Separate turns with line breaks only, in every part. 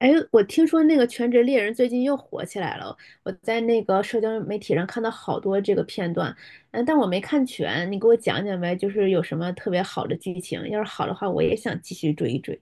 哎，我听说那个《全职猎人》最近又火起来了，我在那个社交媒体上看到好多这个片段，但我没看全，你给我讲讲呗，就是有什么特别好的剧情，要是好的话，我也想继续追一追。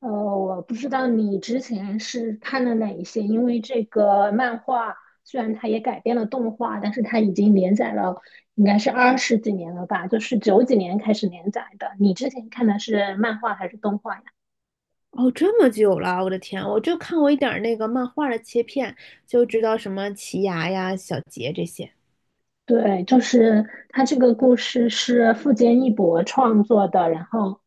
呃，我不知道你之前是看了哪一些，因为这个漫画虽然它也改编了动画，但是它已经连载了，应该是二十几年了吧，就是九几年开始连载的。你之前看的是漫画还是动画呀？
哦，这么久了，我的天，我就看过一点儿那个漫画的切片，就知道什么奇牙呀、小杰这些。
对，就是他这个故事是富坚义博创作的，然后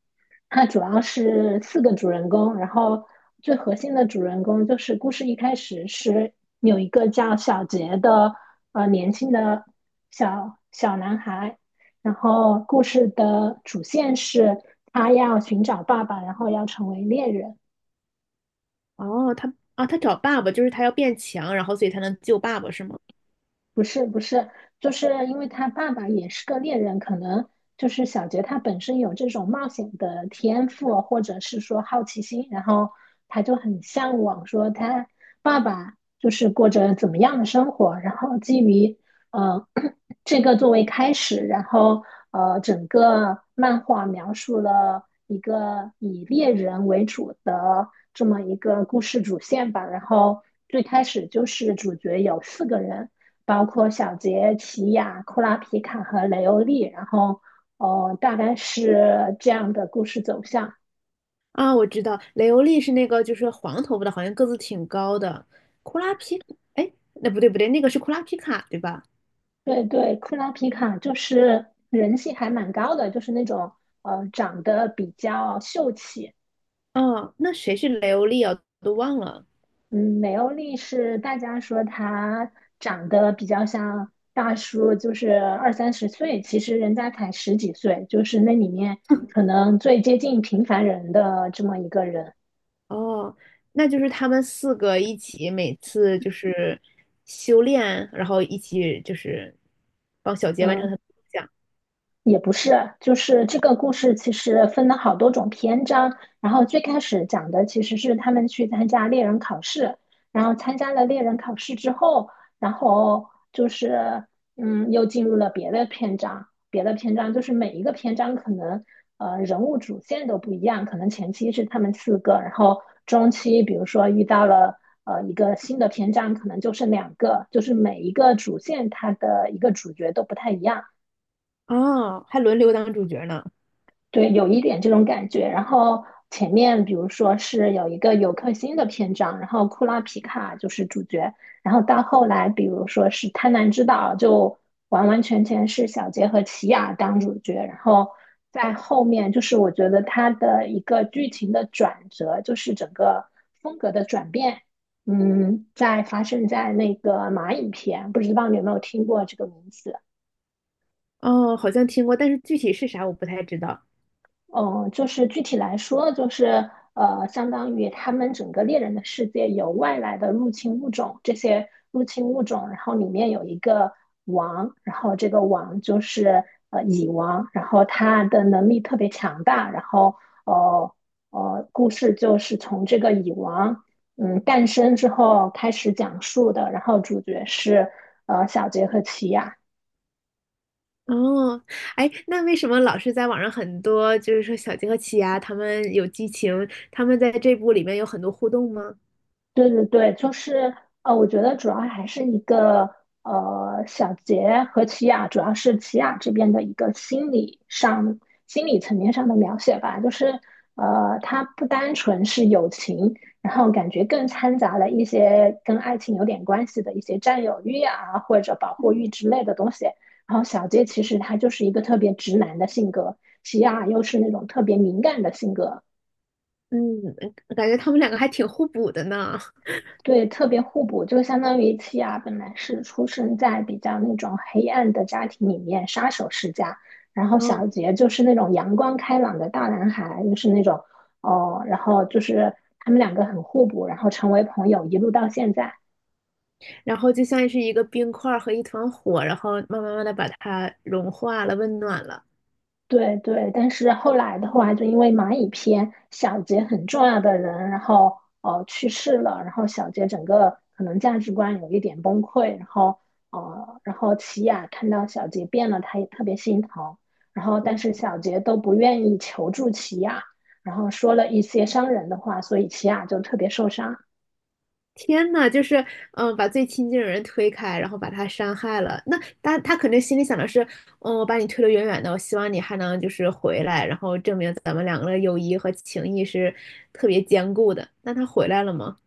他主要是四个主人公，然后最核心的主人公就是故事一开始是有一个叫小杰的年轻的小小男孩，然后故事的主线是他要寻找爸爸，然后要成为猎人。
哦，他啊，他找爸爸，就是他要变强，然后所以才能救爸爸，是吗？
不是不是，就是因为他爸爸也是个猎人，可能就是小杰他本身有这种冒险的天赋，或者是说好奇心，然后他就很向往说他爸爸就是过着怎么样的生活，然后基于呃 这个作为开始，然后整个漫画描述了一个以猎人为主的这么一个故事主线吧，然后最开始就是主角有四个人。包括小杰、奇亚、库拉皮卡和雷欧利，然后哦，大概是这样的故事走向。
啊，我知道，雷欧利是那个就是黄头发的，好像个子挺高的。库拉皮哎，那不对不对，那个是库拉皮卡对吧？
对对，库拉皮卡就是人气还蛮高的，就是那种长得比较秀气。
哦，那谁是雷欧利啊？都忘了。
嗯，雷欧利是大家说他长得比较像大叔，就是二三十岁，其实人家才十几岁，就是那里面可能最接近平凡人的这么一个人。
哦，那就是他们四个一起，每次就是修炼，然后一起就是帮小杰完成
嗯。
他的梦想。
也不是，就是这个故事其实分了好多种篇章，然后最开始讲的其实是他们去参加猎人考试，然后参加了猎人考试之后，然后就是又进入了别的篇章，别的篇章就是每一个篇章可能人物主线都不一样，可能前期是他们四个，然后中期比如说遇到了一个新的篇章，可能就剩两个，就是每一个主线它的一个主角都不太一样。
哦，还轮流当主角呢。
对，有一点这种感觉。然后前面比如说是有一个尤克星的篇章，然后库拉皮卡就是主角，然后到后来比如说是贪婪之岛，就完完全全是小杰和奇亚当主角。然后在后面就是我觉得他的一个剧情的转折，就是整个风格的转变，在发生在那个蚂蚁篇，不知道你有没有听过这个名字？
哦，好像听过，但是具体是啥我不太知道。
嗯，就是具体来说，就是相当于他们整个猎人的世界有外来的入侵物种，这些入侵物种，然后里面有一个王，然后这个王就是蚁王，然后他的能力特别强大，然后呃故事就是从这个蚁王诞生之后开始讲述的，然后主角是小杰和奇亚。
哦，哎，那为什么老是在网上很多，就是说小鸡和奇亚他们有激情，他们在这部里面有很多互动吗？
对对对，就是我觉得主要还是一个小杰和齐雅，主要是齐雅这边的一个心理上、心理层面上的描写吧，就是它不单纯是友情，然后感觉更掺杂了一些跟爱情有点关系的一些占有欲啊，或者保护欲之类的东西。然后小杰其实他就是一个特别直男的性格，齐雅又是那种特别敏感的性格，
嗯，感觉他们两个还挺互补的呢。
对，特别互补，就相当于契亚本来是出生在比较那种黑暗的家庭里面，杀手世家，然后小
嗯，
杰就是那种阳光开朗的大男孩，就是那种哦，然后就是他们两个很互补，然后成为朋友，一路到现在。
然后就像是一个冰块儿和一团火，然后慢慢慢的把它融化了，温暖了。
对对，但是后来的话，就因为蚂蚁篇，小杰很重要的人，然后去世了，然后小杰整个可能价值观有一点崩溃，然后琪雅看到小杰变了，她也特别心疼，然后但是小杰都不愿意求助琪雅，然后说了一些伤人的话，所以琪雅就特别受伤。
天呐，就是把最亲近的人推开，然后把他伤害了。那他肯定心里想的是，嗯，我把你推得远远的，我希望你还能就是回来，然后证明咱们两个的友谊和情谊是特别坚固的。那他回来了吗？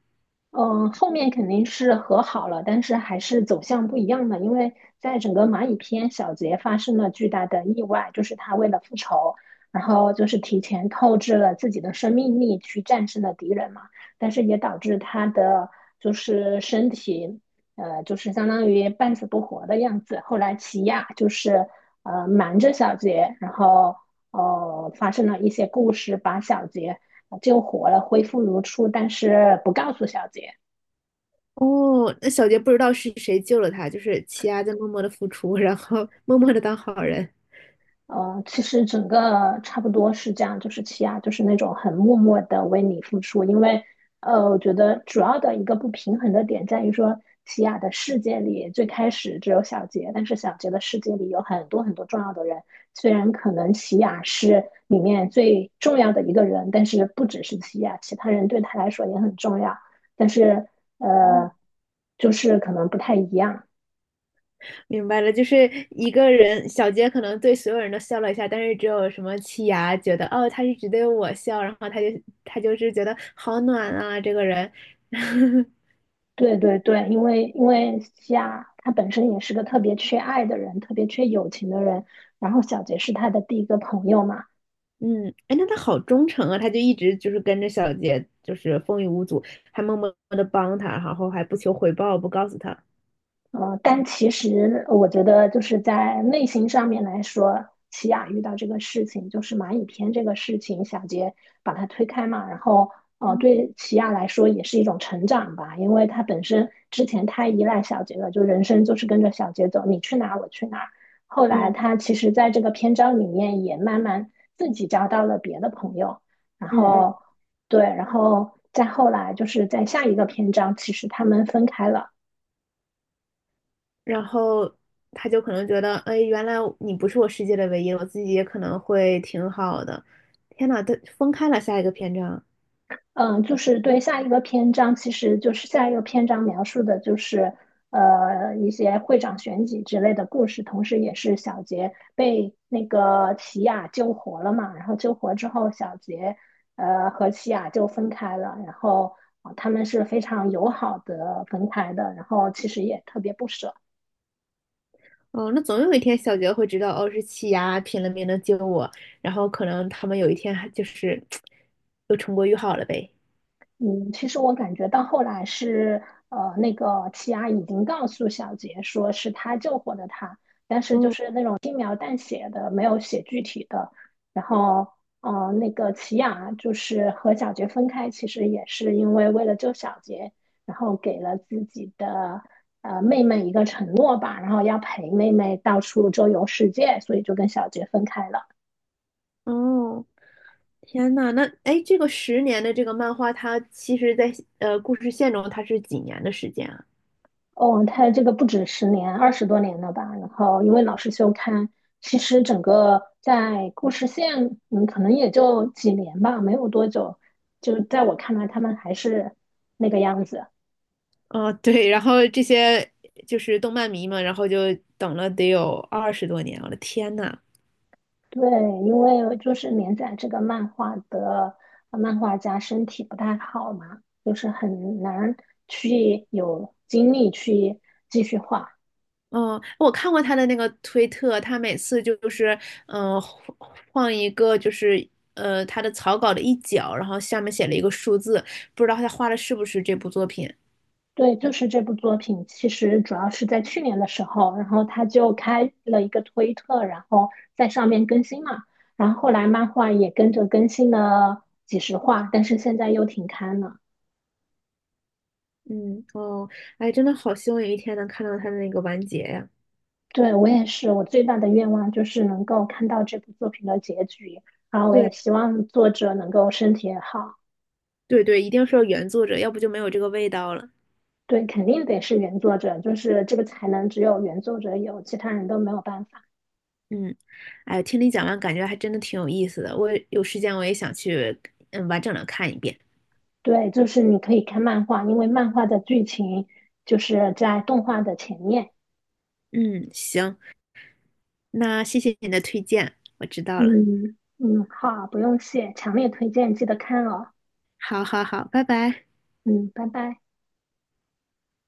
嗯，后面肯定是和好了，但是还是走向不一样的，因为在整个蚂蚁篇，小杰发生了巨大的意外，就是他为了复仇，然后就是提前透支了自己的生命力去战胜了敌人嘛，但是也导致他的就是身体，就是相当于半死不活的样子。后来奇亚就是瞒着小杰，然后发生了一些故事，把小杰救活了，恢复如初，但是不告诉小杰。
哦，那小杰不知道是谁救了他，就是奇亚在默默的付出，然后默默的当好人。
其实整个差不多是这样，就是奇亚就是那种很默默的为你付出，因为我觉得主要的一个不平衡的点在于说，奇亚的世界里最开始只有小杰，但是小杰的世界里有很多很多重要的人，虽然可能奇亚是里面最重要的一个人，但是不只是奇亚，其他人对他来说也很重要，但是呃，就是可能不太一样。
明白了，就是一个人，小杰可能对所有人都笑了一下，但是只有什么七牙觉得，哦，他是只对我笑，然后他就是觉得好暖啊，这个人，
对对对，因为西亚他本身也是个特别缺爱的人，特别缺友情的人，然后小杰是他的第一个朋友嘛，
嗯，哎，那他好忠诚啊，他就一直就是跟着小杰，就是风雨无阻，还默默的帮他，然后还不求回报，不告诉他，
但其实我觉得，就是在内心上面来说，奇雅遇到这个事情，就是蚂蚁篇这个事情，小杰把它推开嘛，然后
嗯
对奇雅来说也是一种成长吧，因为他本身之前太依赖小杰了，就人生就是跟着小杰走，你去哪我去哪。后来
嗯
他其实在这个篇章里面也慢慢自己交到了别的朋友，然
嗯嗯，
后对，然后再后来就是在下一个篇章，其实他们分开了。
然后他就可能觉得，哎，原来你不是我世界的唯一，我自己也可能会挺好的，天呐，他分开了下一个篇章。
嗯，就是对下一个篇章，其实就是下一个篇章描述的就是一些会长选举之类的故事，同时也是小杰被那个奇雅救活了嘛，然后救活之后，小杰和奇雅就分开了，然后他们是非常友好的分开的，然后其实也特别不舍。
哦，那总有一天小杰会知道，哦，是气压拼了命的救我，然后可能他们有一天还就是又重归于好了呗。
嗯，其实我感觉到后来是，那个齐阿已经告诉小杰说是他救活的他，但是就
嗯，
是那种轻描淡写的，没有写具体的。然后，那个齐雅就是和小杰分开，其实也是因为为了救小杰，然后给了自己的妹妹一个承诺吧，然后要陪妹妹到处周游世界，所以就跟小杰分开了。
哦，天呐，那哎，诶这个10年的这个漫画，它其实在故事线中它是几年的时间啊？
哦，他这个不止10年，二十多年了吧？然后因为老是休刊，其实整个在故事线，可能也就几年吧，没有多久。就在我看来，他们还是那个样子。
哦，对，然后这些就是动漫迷嘛，然后就等了得有20多年，我的天呐！
对，因为就是连载这个漫画的漫画家身体不太好嘛，就是很难去有精力去继续画。
嗯，我看过他的那个推特，他每次就是，嗯、呃换换一个就是，他的草稿的一角，然后下面写了一个数字，不知道他画的是不是这部作品。
对，就是这部作品，其实主要是在去年的时候，然后他就开了一个推特，然后在上面更新嘛，然后后来漫画也跟着更新了几十话，但是现在又停刊了。
嗯，哦，哎，真的好希望有一天能看到他的那个完结呀。
对，我也是，我最大的愿望就是能够看到这部作品的结局，然后我也
对，
希望作者能够身体也好。
对对，一定是要原作者，要不就没有这个味道了。
对，肯定得是原作者，就是这个才能只有原作者有，其他人都没有办法。
嗯，哎，听你讲完，感觉还真的挺有意思的。我有时间我也想去，嗯，完整的看一遍。
对，就是你可以看漫画，因为漫画的剧情就是在动画的前面。
嗯，行，那谢谢你的推荐，我知道了。
嗯嗯，好，不用谢，强烈推荐，记得看哦。
好好好，拜拜。
嗯，拜拜。